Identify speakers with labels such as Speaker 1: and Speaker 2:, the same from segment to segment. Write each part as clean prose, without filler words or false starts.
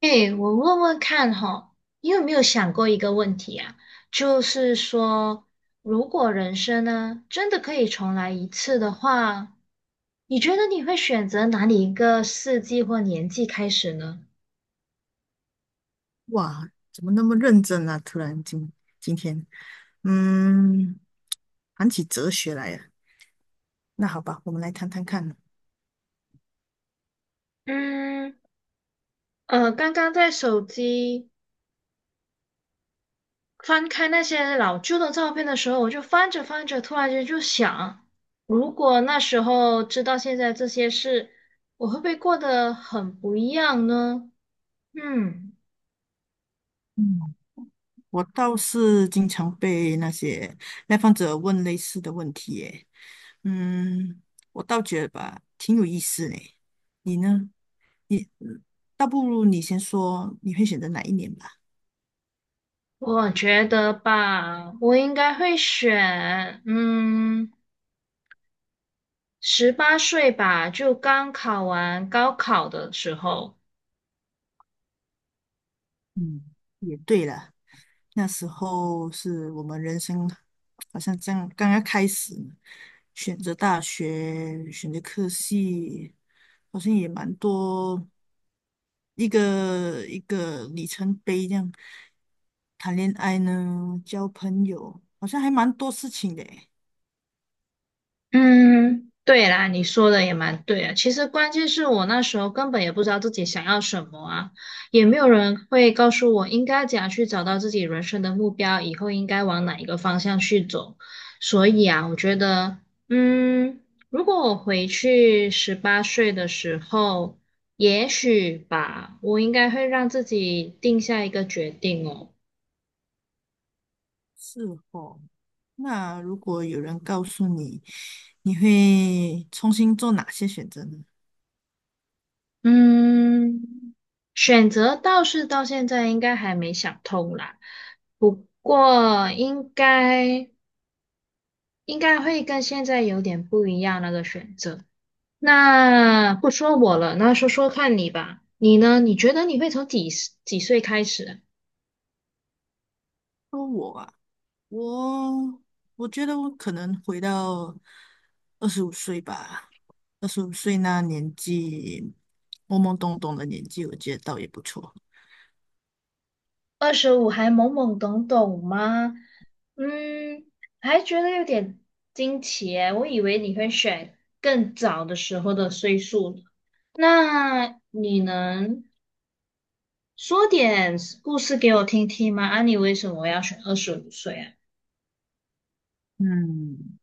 Speaker 1: 哎，我问问看哈，你有没有想过一个问题啊？就是说，如果人生呢，真的可以重来一次的话，你觉得你会选择哪里一个世纪或年纪开始呢？
Speaker 2: 哇，怎么那么认真啊？突然今天，嗯，谈起哲学来了。那好吧，我们来谈谈看。
Speaker 1: 嗯，刚刚在手机翻开那些老旧的照片的时候，我就翻着翻着，突然间就想，如果那时候知道现在这些事，我会不会过得很不一样呢？嗯。
Speaker 2: 嗯，我倒是经常被那些来访者问类似的问题耶。嗯，我倒觉得吧，挺有意思嘞。你呢？你，嗯倒不如你先说，你会选择哪一年吧？
Speaker 1: 我觉得吧，我应该会选，嗯，十八岁吧，就刚考完高考的时候。
Speaker 2: 嗯，也对了。那时候是我们人生好像这样刚刚开始选择大学，选择科系，好像也蛮多一个一个里程碑这样。谈恋爱呢，交朋友，好像还蛮多事情的诶。
Speaker 1: 嗯，对啦，你说的也蛮对啊。其实关键是我那时候根本也不知道自己想要什么啊，也没有人会告诉我应该怎样去找到自己人生的目标，以后应该往哪一个方向去走。所以啊，我觉得，嗯，如果我回去十八岁的时候，也许吧，我应该会让自己定下一个决定哦。
Speaker 2: 是哦，那如果有人告诉你，你会重新做哪些选择呢？
Speaker 1: 嗯。选择倒是到现在应该还没想通啦，不过应该会跟现在有点不一样那个选择。那不说我了，那说说看你吧，你呢？你觉得你会从几岁开始啊。
Speaker 2: 说我啊。我我觉得我可能回到二十五岁吧，二十五岁那年纪，懵懵懂懂的年纪，我觉得倒也不错。
Speaker 1: 二十五还懵懵懂懂吗？嗯，还觉得有点惊奇耶，我以为你会选更早的时候的岁数呢。那你能？说点故事给我听听嘛？啊，你为什么要选二十五岁啊？
Speaker 2: 嗯，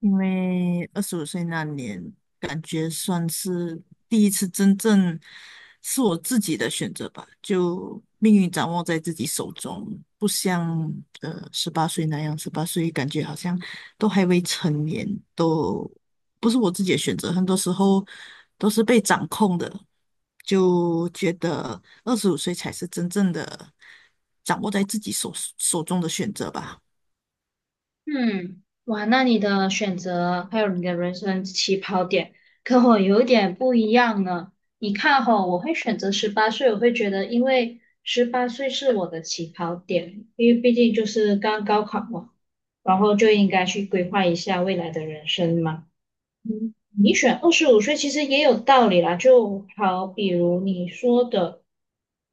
Speaker 2: 因为二十五岁那年，感觉算是第一次真正是我自己的选择吧，就命运掌握在自己手中，不像十八岁那样，十八岁感觉好像都还未成年，都不是我自己的选择，很多时候都是被掌控的，就觉得二十五岁才是真正的掌握在自己手中的选择吧。
Speaker 1: 嗯，哇，那你的选择还有你的人生起跑点跟我有点不一样呢。你看吼，我会选择十八岁，我会觉得因为十八岁是我的起跑点，因为毕竟就是刚高考嘛，然后就应该去规划一下未来的人生嘛。嗯，你选二十五岁其实也有道理啦，就好比如你说的，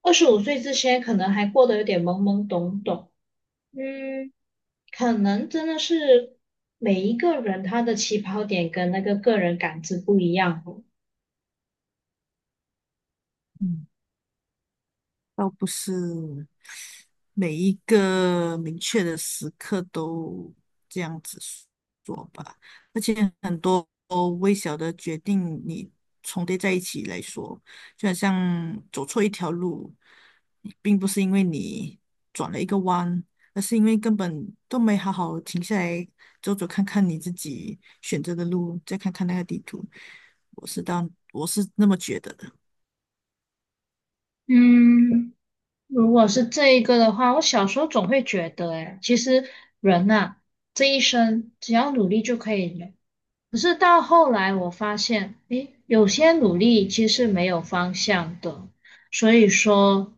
Speaker 1: 二十五岁之前可能还过得有点懵懵懂懂，嗯，可能真的是每一个人他的起跑点跟那个个人感知不一样哦。
Speaker 2: 嗯，倒不是。每一个明确的时刻都这样子做吧，而且很多微小的决定你重叠在一起来说，就好像走错一条路，并不是因为你转了一个弯，而是因为根本都没好好停下来走走看看你自己选择的路，再看看那个地图。我是当我是那么觉得的。
Speaker 1: 嗯，如果是这一个的话，我小时候总会觉得，哎，其实人呐、这一生只要努力就可以了。可是到后来，我发现，诶，有些努力其实没有方向的，所以说，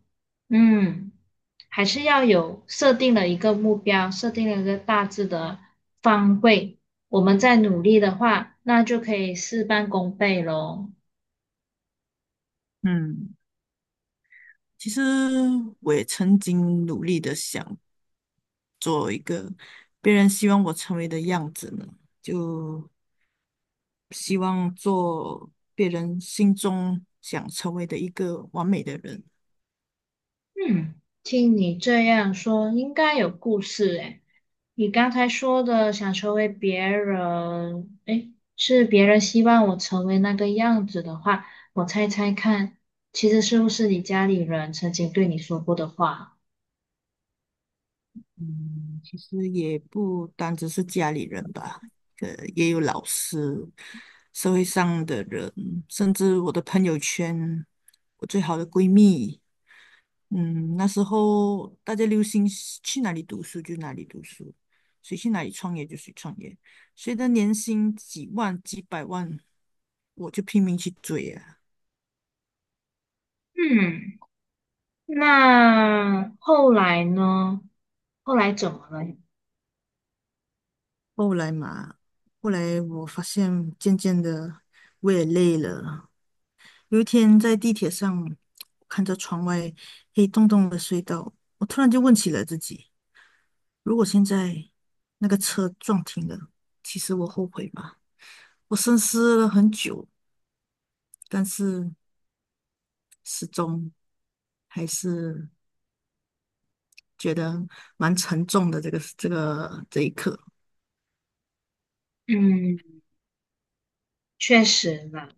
Speaker 1: 嗯，还是要有设定了一个目标，设定了一个大致的方位，我们再努力的话，那就可以事半功倍喽。
Speaker 2: 嗯。其实我也曾经努力的想做一个别人希望我成为的样子呢？就希望做别人心中想成为的一个完美的人。
Speaker 1: 嗯，听你这样说，应该有故事诶。你刚才说的想成为别人，诶，是别人希望我成为那个样子的话，我猜猜看，其实是不是你家里人曾经对你说过的话？
Speaker 2: 嗯，其实也不单只是家里人吧，也有老师、社会上的人，甚至我的朋友圈，我最好的闺蜜。那时候大家流行是去哪里读书就哪里读书，谁去哪里创业就谁创业，谁的年薪几万几百万，我就拼命去追啊。
Speaker 1: 嗯，那后来呢？后来怎么了？
Speaker 2: 后来嘛，后来我发现渐渐的我也累了。有一天在地铁上看着窗外黑洞洞的隧道，我突然就问起了自己：如果现在那个车撞停了，其实我后悔吗？我深思了很久，但是。失踪，还是觉得蛮沉重的这个这一刻。
Speaker 1: 嗯，确实啦。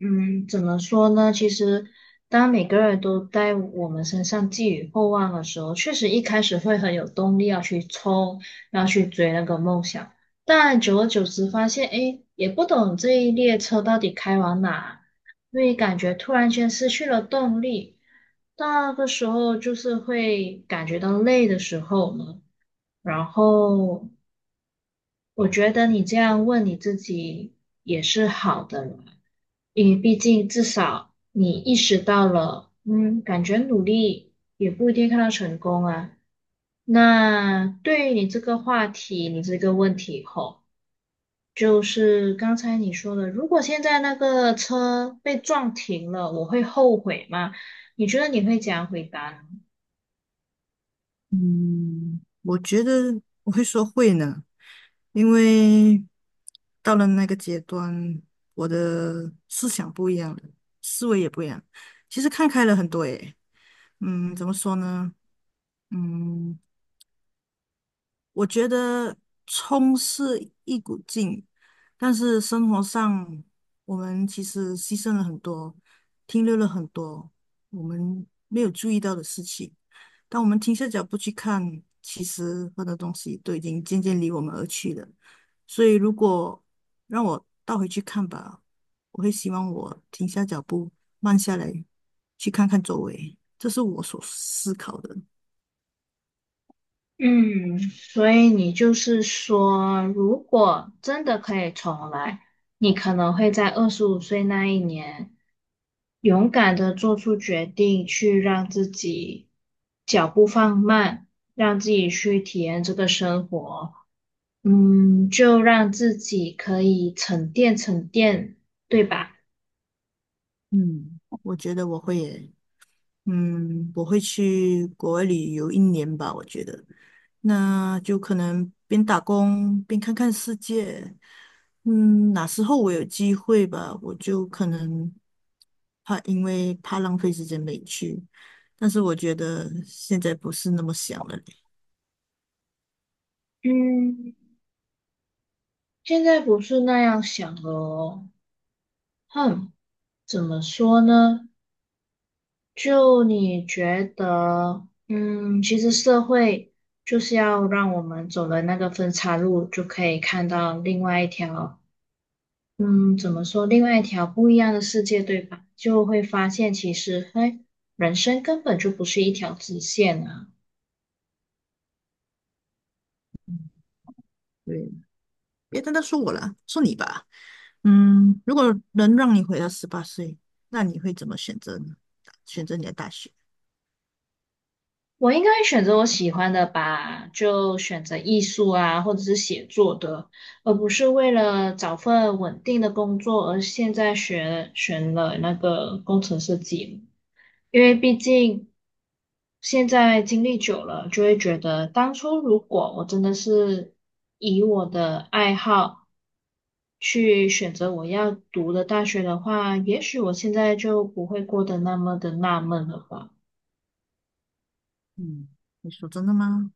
Speaker 1: 嗯，怎么说呢？其实，当每个人都在我们身上寄予厚望的时候，确实一开始会很有动力要去冲，要去追那个梦想。但久而久之，发现，哎，也不懂这一列车到底开往哪，所以感觉突然间失去了动力。那个时候就是会感觉到累的时候呢，然后我觉得你这样问你自己也是好的啦，因为毕竟至少你意识到了，嗯，感觉努力也不一定看到成功啊。那对于你这个话题，你这个问题吼，就是刚才你说的，如果现在那个车被撞停了，我会后悔吗？你觉得你会怎样回答呢。
Speaker 2: 嗯，我觉得我会说会呢，因为到了那个阶段，我的思想不一样了，思维也不一样，其实看开了很多诶。怎么说呢？嗯，我觉得冲是一股劲，但是生活上我们其实牺牲了很多，停留了很多我们没有注意到的事情。当我们停下脚步去看，其实很多东西都已经渐渐离我们而去了。所以，如果让我倒回去看吧，我会希望我停下脚步，慢下来，去看看周围。这是我所思考的。
Speaker 1: 嗯，所以你就是说，如果真的可以重来，你可能会在二十五岁那一年，勇敢的做出决定，去让自己脚步放慢，让自己去体验这个生活。嗯，就让自己可以沉淀沉淀，对吧？
Speaker 2: 嗯，我觉得我会耶。我会去国外旅游一年吧，我觉得，那就可能边打工边看看世界。嗯，哪时候我有机会吧，我就可能怕，因为怕浪费时间没去。但是我觉得现在不是那么想了嘞。
Speaker 1: 嗯，现在不是那样想了哦。哼，怎么说呢？就你觉得，嗯，其实社会就是要让我们走了那个分岔路，就可以看到另外一条，嗯，怎么说，另外一条不一样的世界，对吧？就会发现其实，嘿，人生根本就不是一条直线啊。
Speaker 2: 对，别单单说我了，说你吧。如果能让你回到十八岁，那你会怎么选择呢？选择你的大学？
Speaker 1: 我应该选择我喜欢的吧，就选择艺术啊，或者是写作的，而不是为了找份稳定的工作而现在学选了那个工程设计。因为毕竟现在经历久了，就会觉得当初如果我真的是以我的爱好去选择我要读的大学的话，也许我现在就不会过得那么的纳闷了吧。
Speaker 2: 嗯。你说真的吗？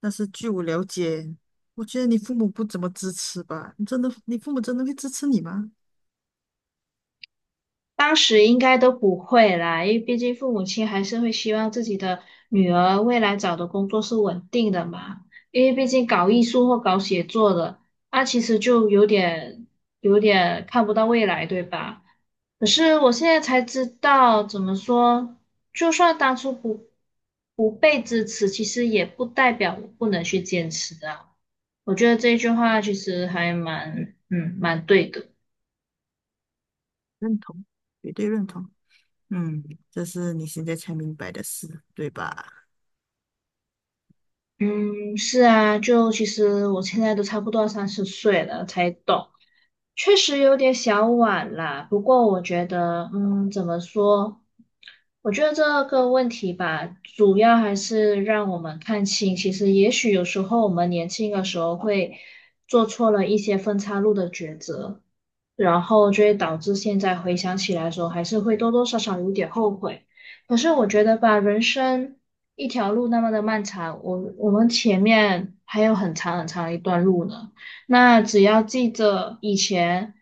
Speaker 2: 但是据我了解，我觉得你父母不怎么支持吧？你真的，你父母真的会支持你吗？
Speaker 1: 当时应该都不会啦，因为毕竟父母亲还是会希望自己的女儿未来找的工作是稳定的嘛。因为毕竟搞艺术或搞写作的，那、其实就有点看不到未来，对吧？可是我现在才知道，怎么说，就算当初不被支持，其实也不代表我不能去坚持啊。我觉得这句话其实还蛮嗯蛮对的。
Speaker 2: 认同，绝对认同。嗯，这是你现在才明白的事，对吧？
Speaker 1: 嗯，是啊，就其实我现在都差不多30岁了才懂，确实有点小晚啦，不过我觉得，嗯，怎么说？我觉得这个问题吧，主要还是让我们看清，其实也许有时候我们年轻的时候会做错了一些分岔路的抉择，然后就会导致现在回想起来的时候，还是会多多少少有点后悔。可是我觉得吧，人生一条路那么的漫长，我们前面还有很长很长一段路呢。那只要记着以前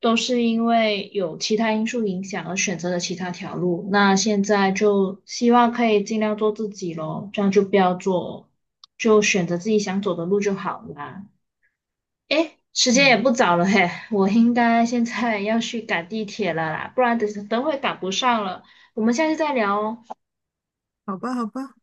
Speaker 1: 都是因为有其他因素影响而选择了其他条路，那现在就希望可以尽量做自己咯，这样就不要做，就选择自己想走的路就好啦。诶，时间也
Speaker 2: 嗯，
Speaker 1: 不早了嘿，我应该现在要去赶地铁了啦，不然等等会赶不上了。我们下次再聊哦。
Speaker 2: 好吧，好吧。